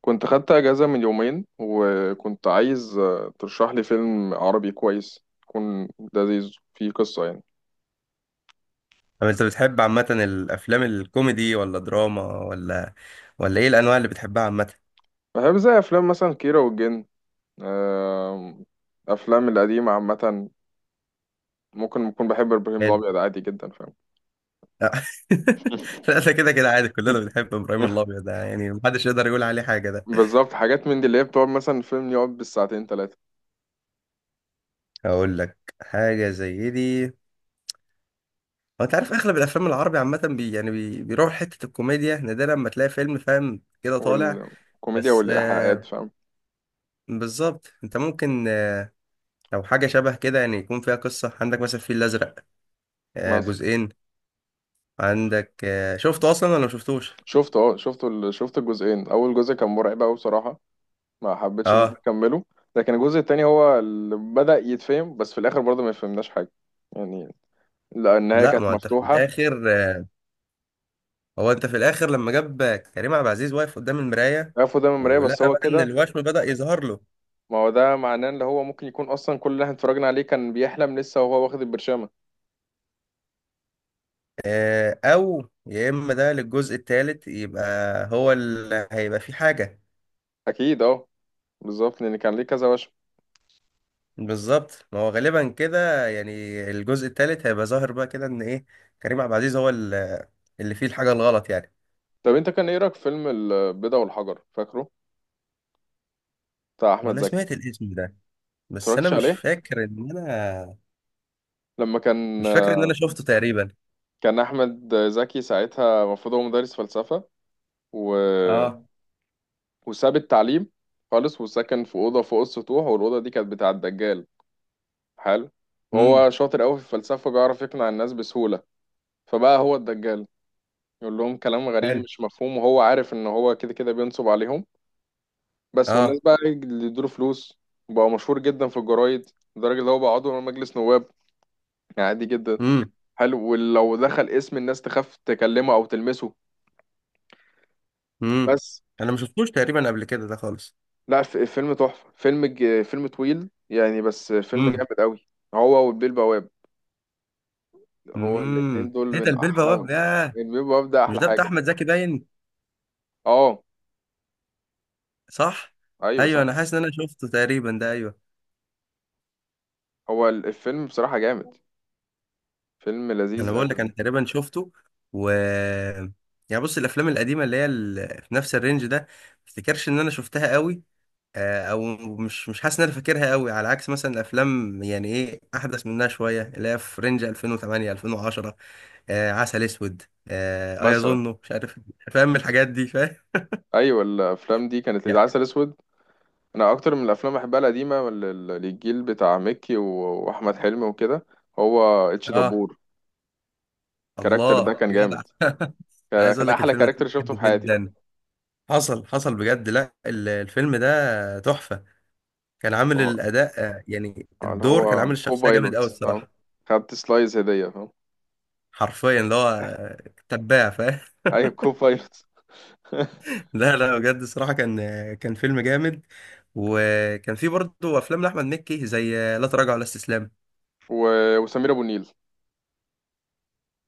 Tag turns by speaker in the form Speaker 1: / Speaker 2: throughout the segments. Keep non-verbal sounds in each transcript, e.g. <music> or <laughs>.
Speaker 1: كنت خدت اجازه من يومين وكنت عايز ترشح لي فيلم عربي كويس يكون لذيذ فيه قصه يعني.
Speaker 2: طب انت بتحب عامة الافلام الكوميدي ولا دراما ولا ايه الانواع اللي بتحبها عامة.
Speaker 1: بحب زي افلام مثلا كيرة والجن. آم، افلام القديمه عامه. ممكن اكون بحب ابراهيم
Speaker 2: حلو.
Speaker 1: الابيض عادي جدا، فاهم؟
Speaker 2: لا، <laughs> لا ده كده كده عادي، كلنا
Speaker 1: <laughs>
Speaker 2: بنحب ابراهيم الابيض ده، يعني محدش يقدر يقول عليه حاجة ده.
Speaker 1: بالظبط، حاجات من دي اللي هي بتقعد مثلا الفيلم يقعد بالساعتين ثلاثه.
Speaker 2: هقول لك حاجة زي دي. هو انت عارف اغلب الافلام العربي عامة بي يعني بي بيروح حتة الكوميديا، نادرا لما تلاقي فيلم فاهم كده طالع.
Speaker 1: والكوميديا
Speaker 2: بس
Speaker 1: والايحاءات فاهم.
Speaker 2: بالظبط، انت ممكن لو حاجة شبه كده يعني يكون فيها قصة، عندك مثلا الفيل الازرق، آه
Speaker 1: مثلا.
Speaker 2: جزئين. عندك شفته اصلا ولا ما شفتوش؟
Speaker 1: شفته. اه شفت الجزئين. اول جزء كان مرعب قوي بصراحه، ما حبيتش ان انا
Speaker 2: اه.
Speaker 1: اكمله. لكن الجزء التاني هو اللي بدأ يتفهم، بس في الاخر برضه ما فهمناش حاجه يعني. لا، النهايه
Speaker 2: لا
Speaker 1: كانت
Speaker 2: ما هو انت في
Speaker 1: مفتوحه.
Speaker 2: الاخر، لما جاب كريم عبد العزيز واقف قدام المرايه
Speaker 1: عرفوا ده من المرايه، بس
Speaker 2: ولقى
Speaker 1: هو
Speaker 2: بقى ان
Speaker 1: كده.
Speaker 2: الوشم بدأ يظهر له.
Speaker 1: ما هو ده معناه ان هو ممكن يكون اصلا كل اللي احنا اتفرجنا عليه كان بيحلم لسه وهو واخد البرشامه.
Speaker 2: او يا اما ده للجزء الثالث، يبقى هو اللي هيبقى فيه حاجه.
Speaker 1: اكيد اه، بالظبط، لان كان ليه كذا وشم.
Speaker 2: بالظبط، ما هو غالبا كده يعني. الجزء الثالث هيبقى ظاهر بقى كده ان ايه، كريم عبد العزيز هو اللي فيه الحاجه الغلط يعني.
Speaker 1: طب انت كان ايه رايك في فيلم البيضه والحجر، فاكره؟ بتاع
Speaker 2: هو
Speaker 1: احمد
Speaker 2: انا
Speaker 1: زكي.
Speaker 2: سمعت الاسم ده بس انا
Speaker 1: اتفرجتش
Speaker 2: مش
Speaker 1: عليه؟
Speaker 2: فاكر ان انا،
Speaker 1: لما كان،
Speaker 2: مش فاكر ان انا شفته تقريبا.
Speaker 1: كان احمد زكي ساعتها المفروض هو مدرس فلسفه و
Speaker 2: اه.
Speaker 1: وساب التعليم خالص. وسكن في أوضة فوق السطوح، والأوضة دي كانت بتاع الدجال. حلو.
Speaker 2: امم.
Speaker 1: وهو شاطر قوي في الفلسفة، بيعرف يقنع الناس بسهولة. فبقى هو الدجال، يقول لهم كلام غريب
Speaker 2: حلو.
Speaker 1: مش مفهوم وهو عارف إن هو كده كده بينصب عليهم. بس والناس
Speaker 2: اه.
Speaker 1: بقى إيه، اللي يدوله فلوس. بقى مشهور جدا في الجرايد، لدرجة إن هو بقى عضو من مجلس نواب، يعني عادي جدا.
Speaker 2: امم.
Speaker 1: حلو، ولو دخل اسم الناس تخاف تكلمه أو تلمسه.
Speaker 2: امم.
Speaker 1: بس.
Speaker 2: انا ما شفتوش تقريبا قبل كده ده خالص.
Speaker 1: لا، فيلم تحفة. فيلم طويل يعني، بس فيلم
Speaker 2: امم.
Speaker 1: جامد قوي. هو والبيه البواب، هو الاتنين
Speaker 2: امم،
Speaker 1: دول
Speaker 2: ايه ده
Speaker 1: من
Speaker 2: البيه البواب،
Speaker 1: احلاهم.
Speaker 2: ياه.
Speaker 1: من بيب وببدأ
Speaker 2: مش
Speaker 1: احلى
Speaker 2: ده بتاع
Speaker 1: حاجه.
Speaker 2: احمد زكي باين؟
Speaker 1: اه،
Speaker 2: صح.
Speaker 1: ايوه،
Speaker 2: ايوه،
Speaker 1: صح.
Speaker 2: انا حاسس ان انا شفته تقريبا ده، ايوه.
Speaker 1: هو الفيلم بصراحه جامد، فيلم
Speaker 2: انا
Speaker 1: لذيذ
Speaker 2: بقول
Speaker 1: قوي
Speaker 2: لك انا
Speaker 1: يعني.
Speaker 2: تقريبا شفته، و يعني بص، الافلام القديمه اللي هي في نفس الرينج ده ما افتكرش ان انا شفتها قوي. او مش حاسس ان انا فاكرها قوي، على عكس مثلا الافلام يعني ايه احدث منها شويه اللي هي في رينج 2008 2010. عسل اسود،
Speaker 1: مثلا.
Speaker 2: ايظنه مش عارف، فاهم الحاجات دي.
Speaker 1: ايوه، الافلام دي كانت
Speaker 2: يا.
Speaker 1: العسل اسود. انا اكتر من الافلام بحبها القديمه، الجيل بتاع مكي واحمد حلمي وكده. هو اتش
Speaker 2: اه.
Speaker 1: دبور، الكاركتر ده
Speaker 2: الله
Speaker 1: كان جامد.
Speaker 2: جدع. أنا
Speaker 1: كان
Speaker 2: عايز اقول
Speaker 1: كان
Speaker 2: لك
Speaker 1: احلى
Speaker 2: الفيلم ده
Speaker 1: كاركتر شفته
Speaker 2: بحبه
Speaker 1: في حياتي.
Speaker 2: جدا. حصل بجد، لا الفيلم ده تحفة. كان عامل
Speaker 1: وهو-
Speaker 2: الأداء، يعني
Speaker 1: اللي
Speaker 2: الدور كان عامل
Speaker 1: هو كو
Speaker 2: الشخصية جامد قوي
Speaker 1: بايلوت، اه،
Speaker 2: الصراحة.
Speaker 1: خدت سلايز هديه فاهم.
Speaker 2: حرفيا اللي هو تباع فاهم.
Speaker 1: ايوه، كو بايلوت. <laughs>
Speaker 2: <laughs> لا لا بجد الصراحة كان، كان فيلم جامد. وكان فيه برضه أفلام لأحمد مكي زي لا تراجع ولا استسلام.
Speaker 1: وسمير ابو النيل.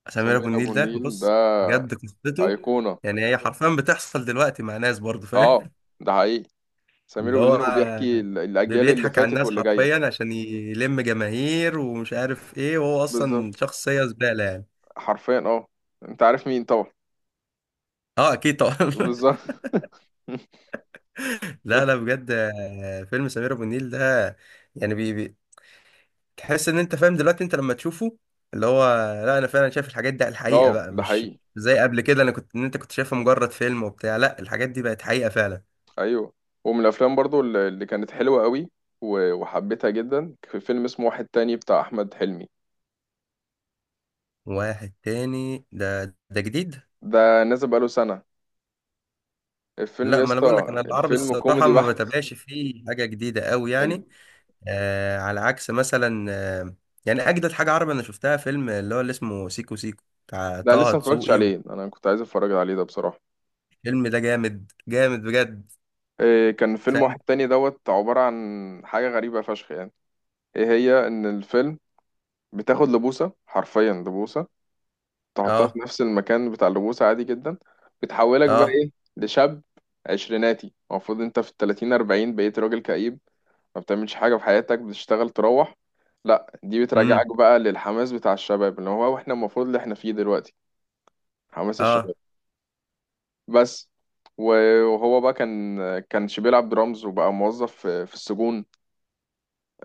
Speaker 2: سمير
Speaker 1: سمير
Speaker 2: أبو
Speaker 1: ابو
Speaker 2: النيل ده
Speaker 1: النيل
Speaker 2: بص،
Speaker 1: ده
Speaker 2: بجد قصته
Speaker 1: أيقونة.
Speaker 2: يعني، هي حرفيا بتحصل دلوقتي مع ناس برضه فاهم.
Speaker 1: اه، ده حقيقي. سمير
Speaker 2: اللي هو
Speaker 1: وبنين، هو بيحكي الأجيال اللي
Speaker 2: بيضحك على
Speaker 1: فاتت
Speaker 2: الناس
Speaker 1: واللي جاية.
Speaker 2: حرفيا عشان يلم جماهير ومش عارف ايه، وهو
Speaker 1: بالظبط،
Speaker 2: اصلا شخصية زبالة يعني.
Speaker 1: حرفيا اه، انت عارف مين طبعا.
Speaker 2: اه اكيد طبعا. <laughs>
Speaker 1: بالظبط. <laughs>
Speaker 2: لا لا بجد، فيلم سمير ابو النيل ده يعني بي بي تحس ان انت فاهم دلوقتي انت لما تشوفه، اللي هو، لا انا فعلا شايف الحاجات دي على الحقيقة
Speaker 1: اه،
Speaker 2: بقى،
Speaker 1: ده
Speaker 2: مش
Speaker 1: حقيقي.
Speaker 2: زي قبل كده انا كنت، ان انت كنت شايفها مجرد فيلم وبتاع، لا الحاجات دي بقت حقيقة فعلا.
Speaker 1: ايوه. ومن الافلام برضو اللي كانت حلوه قوي وحبيتها جدا، في فيلم اسمه واحد تاني بتاع احمد حلمي.
Speaker 2: واحد تاني ده ده جديد؟
Speaker 1: ده نازل بقاله سنه. الفيلم
Speaker 2: لا
Speaker 1: يا
Speaker 2: ما انا
Speaker 1: اسطى،
Speaker 2: بقول لك انا العربي
Speaker 1: الفيلم
Speaker 2: الصراحة
Speaker 1: كوميدي
Speaker 2: ما
Speaker 1: بحت.
Speaker 2: بتابعش فيه حاجة جديدة قوي
Speaker 1: ال-
Speaker 2: يعني. على عكس مثلا يعني اجدد حاجه عربي انا شفتها فيلم اللي هو اللي اسمه سيكو سيكو بتاع
Speaker 1: ده أنا
Speaker 2: طه
Speaker 1: لسه ما اتفرجتش
Speaker 2: دسوقي.
Speaker 1: عليه، انا كنت عايز اتفرج عليه ده بصراحه.
Speaker 2: والفيلم ده جامد جامد بجد.
Speaker 1: إيه، كان فيلم
Speaker 2: فاهم.
Speaker 1: واحد تاني دوت عباره عن حاجه غريبه فشخ يعني. ايه هي ان الفيلم بتاخد لبوسه، حرفيا لبوسه. تحطها في
Speaker 2: اه.
Speaker 1: نفس المكان بتاع اللبوسه عادي جدا، بتحولك بقى
Speaker 2: اه.
Speaker 1: ايه؟ لشاب عشريناتي. المفروض انت في التلاتين اربعين بقيت راجل كئيب، ما بتعملش حاجه في حياتك، بتشتغل تروح. لا، دي بترجعك
Speaker 2: امم.
Speaker 1: بقى للحماس بتاع الشباب، اللي هو احنا المفروض اللي احنا فيه دلوقتي. حماس
Speaker 2: اه،
Speaker 1: الشباب. بس. و- وهو بقى كانش بيلعب درامز وبقى موظف في السجون.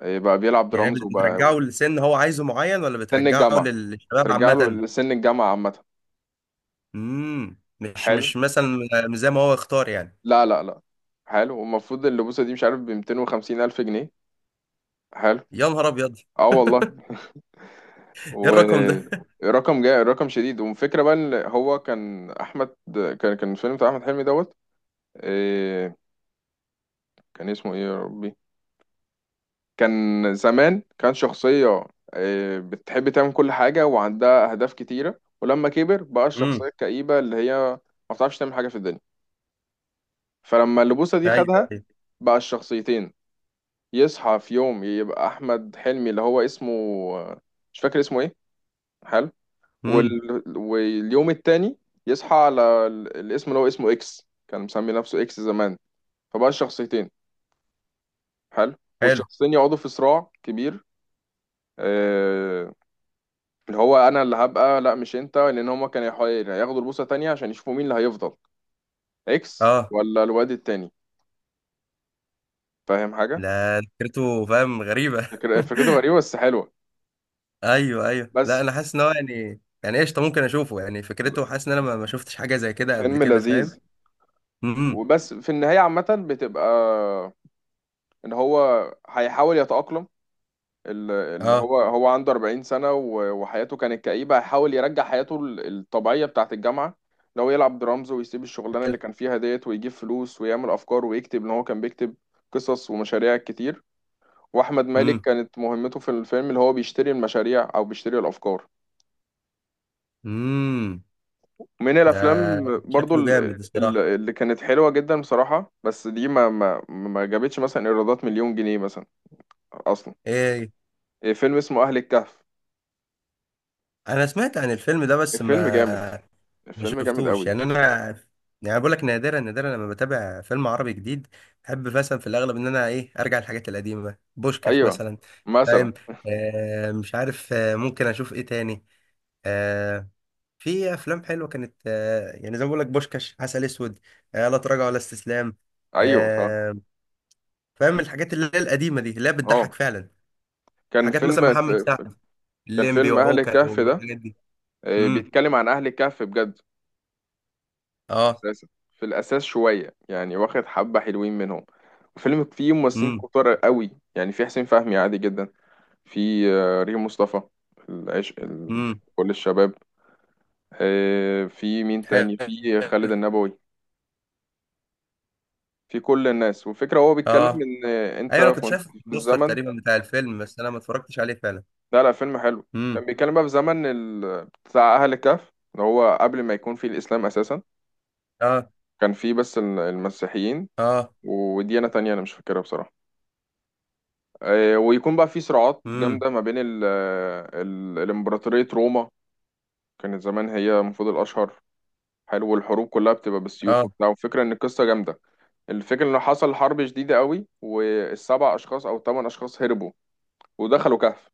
Speaker 1: إيه، بقى بيلعب
Speaker 2: يعني
Speaker 1: درامز وبقى.
Speaker 2: بترجعه لسن هو عايزه معين، ولا
Speaker 1: سن
Speaker 2: بترجعه
Speaker 1: الجامعه.
Speaker 2: للشباب
Speaker 1: ترجع له
Speaker 2: عامه؟
Speaker 1: لسن الجامعه عامه.
Speaker 2: امم، مش
Speaker 1: حلو.
Speaker 2: مثلا مش زي ما هو اختار يعني.
Speaker 1: لا، لا، لا. حلو. والمفروض اللبوسة دي مش عارف ب 250 ألف جنيه. حلو.
Speaker 2: يا نهار ابيض.
Speaker 1: اه
Speaker 2: <laughs>
Speaker 1: والله.
Speaker 2: ايه الرقم ده؟
Speaker 1: ورقم جاي، رقم شديد. والفكرة بقى ان هو كان أحمد. كان الفيلم بتاع أحمد حلمي دوت. إيه، كان اسمه ايه يا ربي؟ كان زمان كان شخصية إيه بتحب تعمل كل حاجة وعندها أهداف كتيرة، ولما كبر بقى الشخصية
Speaker 2: امم.
Speaker 1: الكئيبة اللي هي ما بتعرفش تعمل حاجة في الدنيا. فلما اللبوسة دي
Speaker 2: ايوه
Speaker 1: خدها،
Speaker 2: ايوه.
Speaker 1: بقى الشخصيتين. يصحى في يوم يبقى احمد حلمي اللي هو اسمه، مش فاكر اسمه ايه. حلو.
Speaker 2: امم.
Speaker 1: واليوم التاني يصحى على الاسم اللي هو اسمه اكس، كان مسمي نفسه اكس زمان. فبقى الشخصيتين. حلو.
Speaker 2: حلو.
Speaker 1: والشخصيتين يقعدوا في صراع كبير. آه... اللي هو، انا اللي هبقى لا مش انت، لان هما كانوا ياخدوا البوصة تانية عشان يشوفوا مين اللي هيفضل، اكس
Speaker 2: اه.
Speaker 1: ولا الواد التاني، فاهم حاجة.
Speaker 2: لا فكرته فاهم غريبه. <laughs>
Speaker 1: فكرته غريبة بس حلوة.
Speaker 2: ايوه ايوه، لا
Speaker 1: بس.
Speaker 2: انا حاسس ان هو يعني يعني قشطه، ممكن اشوفه يعني، فكرته حاسس ان انا ما شفتش حاجه زي كده قبل
Speaker 1: فيلم
Speaker 2: كده
Speaker 1: لذيذ.
Speaker 2: فاهم. امم.
Speaker 1: وبس في النهاية عامة بتبقى إن هو هيحاول يتأقلم. اللي
Speaker 2: اه.
Speaker 1: هو عنده 40 سنة وحياته كانت كئيبة، هيحاول يرجع حياته الطبيعية بتاعة الجامعة. اللي هو يلعب درامز ويسيب الشغلانة اللي
Speaker 2: حلو.
Speaker 1: كان فيها ديت، ويجيب فلوس ويعمل أفكار ويكتب. إن هو كان بيكتب قصص ومشاريع كتير. وأحمد مالك
Speaker 2: امم.
Speaker 1: كانت مهمته في الفيلم اللي هو بيشتري المشاريع أو بيشتري الأفكار.
Speaker 2: امم.
Speaker 1: من
Speaker 2: ده
Speaker 1: الافلام برضو
Speaker 2: شكله جامد الصراحه.
Speaker 1: اللي كانت حلوه جدا بصراحه، بس دي ما جابتش مثلا ايرادات مليون جنيه مثلا اصلا.
Speaker 2: ايه.
Speaker 1: إيه، فيلم اسمه اهل الكهف.
Speaker 2: انا سمعت عن الفيلم ده بس
Speaker 1: الفيلم جامد.
Speaker 2: ما، ما
Speaker 1: الفيلم جامد
Speaker 2: شفتوش
Speaker 1: قوي.
Speaker 2: يعني انا، يعني بقول لك نادرا، نادرا لما بتابع فيلم عربي جديد. بحب مثلا في الاغلب ان انا ايه ارجع للحاجات القديمه، بوشكاش
Speaker 1: ايوه.
Speaker 2: مثلا،
Speaker 1: مثلا.
Speaker 2: فاهم. آه مش عارف، ممكن اشوف ايه تاني. آه، في افلام حلوه كانت، يعني زي ما بقول لك بوشكاش، عسل اسود، لا تراجع ولا استسلام.
Speaker 1: ايوه، فاهم.
Speaker 2: آه، فاهم الحاجات اللي هي القديمه دي اللي هي
Speaker 1: اه،
Speaker 2: بتضحك فعلا.
Speaker 1: كان
Speaker 2: حاجات
Speaker 1: فيلم
Speaker 2: مثلا
Speaker 1: ف-
Speaker 2: محمد
Speaker 1: ف-
Speaker 2: سعد،
Speaker 1: كان
Speaker 2: الليمبي
Speaker 1: فيلم اهل
Speaker 2: وعوكل
Speaker 1: الكهف ده.
Speaker 2: والحاجات دي. امم.
Speaker 1: بيتكلم عن اهل الكهف بجد
Speaker 2: اه.
Speaker 1: اساسا. في الاساس شويه يعني، واخد حبه حلوين منهم. الفيلم فيه ممثلين
Speaker 2: امم.
Speaker 1: كتار قوي يعني، في حسين فهمي عادي جدا، في ريم مصطفى، العشق
Speaker 2: امم.
Speaker 1: كل الشباب. في مين تاني،
Speaker 2: حلو.
Speaker 1: في خالد النبوي، في كل الناس. والفكرة هو بيتكلم
Speaker 2: اه.
Speaker 1: إن أنت
Speaker 2: ايوه انا كنت
Speaker 1: كنت
Speaker 2: شايف
Speaker 1: في
Speaker 2: البوستر
Speaker 1: الزمن.
Speaker 2: تقريبا بتاع الفيلم، بس انا ما اتفرجتش عليه فعلا.
Speaker 1: لا، لا، فيلم حلو.
Speaker 2: امم.
Speaker 1: كان بيتكلم بقى في زمن بتاع أهل الكهف، اللي هو قبل ما يكون في الإسلام أساسا.
Speaker 2: اه.
Speaker 1: كان في بس المسيحيين
Speaker 2: اه.
Speaker 1: وديانة تانية، أنا مش فاكرها بصراحة. ويكون بقى في صراعات
Speaker 2: امم.
Speaker 1: جامدة ما بين الإمبراطورية روما. كانت زمان هي المفروض الأشهر. حلو. والحروب كلها بتبقى بالسيوف
Speaker 2: اه.
Speaker 1: وبتاع. والفكرة إن القصة جامدة. الفكرة إن حصل حرب شديدة قوي، والسبع أشخاص أو الثمان أشخاص هربوا ودخلوا كهف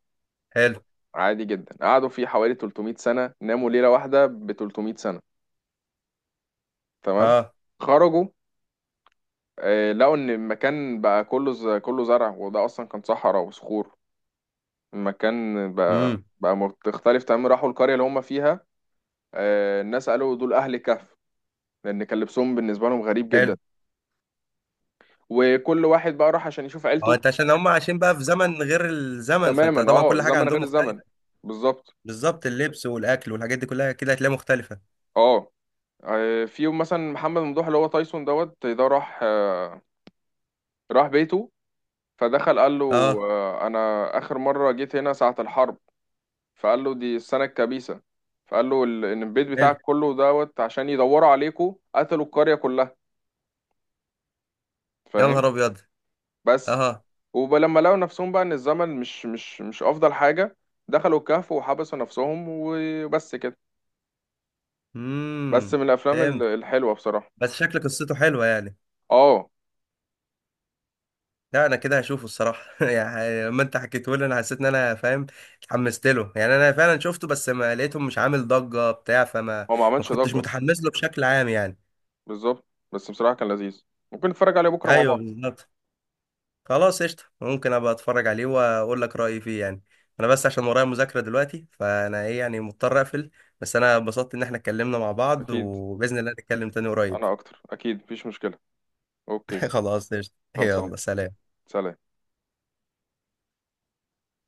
Speaker 2: حلو.
Speaker 1: عادي جدا. قعدوا فيه حوالي 300 سنة، ناموا ليلة واحدة ب 300 سنة. تمام.
Speaker 2: اه.
Speaker 1: خرجوا. لقوا ان المكان بقى كله كله زرع، وده اصلا كان صحراء وصخور. المكان بقى
Speaker 2: امم.
Speaker 1: بقى مختلف تماما، راحوا القرية اللي هم فيها. الناس قالوا دول اهل كهف، لان كان لبسهم بالنسبة لهم غريب
Speaker 2: حلو.
Speaker 1: جدا. وكل واحد بقى راح عشان يشوف
Speaker 2: هو
Speaker 1: عيلته.
Speaker 2: انت عشان هم عايشين بقى في زمن غير الزمن، فانت
Speaker 1: تماما،
Speaker 2: طبعا
Speaker 1: اه،
Speaker 2: كل حاجه
Speaker 1: زمن غير
Speaker 2: عندهم
Speaker 1: الزمن.
Speaker 2: مختلفه.
Speaker 1: بالظبط.
Speaker 2: بالظبط، اللبس والاكل والحاجات دي كلها كده هتلاقيها مختلفه.
Speaker 1: اه. في يوم مثلا محمد ممدوح اللي هو تايسون دوت ده راح راح بيته. فدخل قال له
Speaker 2: اه.
Speaker 1: انا اخر مره جيت هنا ساعه الحرب. فقال له دي السنه الكبيسه. فقال له ان البيت
Speaker 2: حلو.
Speaker 1: بتاعك كله دوت، عشان يدوروا عليكوا قتلوا القريه كلها.
Speaker 2: يا
Speaker 1: فاهم.
Speaker 2: نهار ابيض.
Speaker 1: بس
Speaker 2: اه.
Speaker 1: ولما لقوا نفسهم بقى ان الزمن مش افضل حاجه، دخلوا الكهف وحبسوا نفسهم وبس كده. بس
Speaker 2: امم.
Speaker 1: من الافلام
Speaker 2: فهمت.
Speaker 1: الحلوه بصراحه.
Speaker 2: بس شكل قصته حلوه يعني.
Speaker 1: اه،
Speaker 2: لا انا كده هشوفه الصراحه. <laughs> يعني لما انت حكيته لي انا حسيت ان انا فاهم، اتحمست له يعني. انا فعلا شفته بس ما لقيته مش عامل ضجه بتاع، فما
Speaker 1: هو ما
Speaker 2: ما
Speaker 1: عملش
Speaker 2: كنتش
Speaker 1: ضجه.
Speaker 2: متحمس له بشكل عام يعني.
Speaker 1: بالظبط. بس بصراحه كان لذيذ. ممكن نتفرج عليه بكره مع
Speaker 2: ايوه
Speaker 1: بعض.
Speaker 2: بالظبط. خلاص قشطة، ممكن ابقى اتفرج عليه واقول لك رأيي فيه يعني. انا بس عشان ورايا مذاكرة دلوقتي فانا ايه يعني مضطر اقفل، بس انا اتبسطت ان احنا اتكلمنا مع بعض،
Speaker 1: اكيد.
Speaker 2: وبإذن الله نتكلم تاني قريب.
Speaker 1: انا اكتر، اكيد مفيش مشكله. اوكي.
Speaker 2: <laughs> خلاص قشطة،
Speaker 1: خلصان.
Speaker 2: يلا سلام.
Speaker 1: سلام.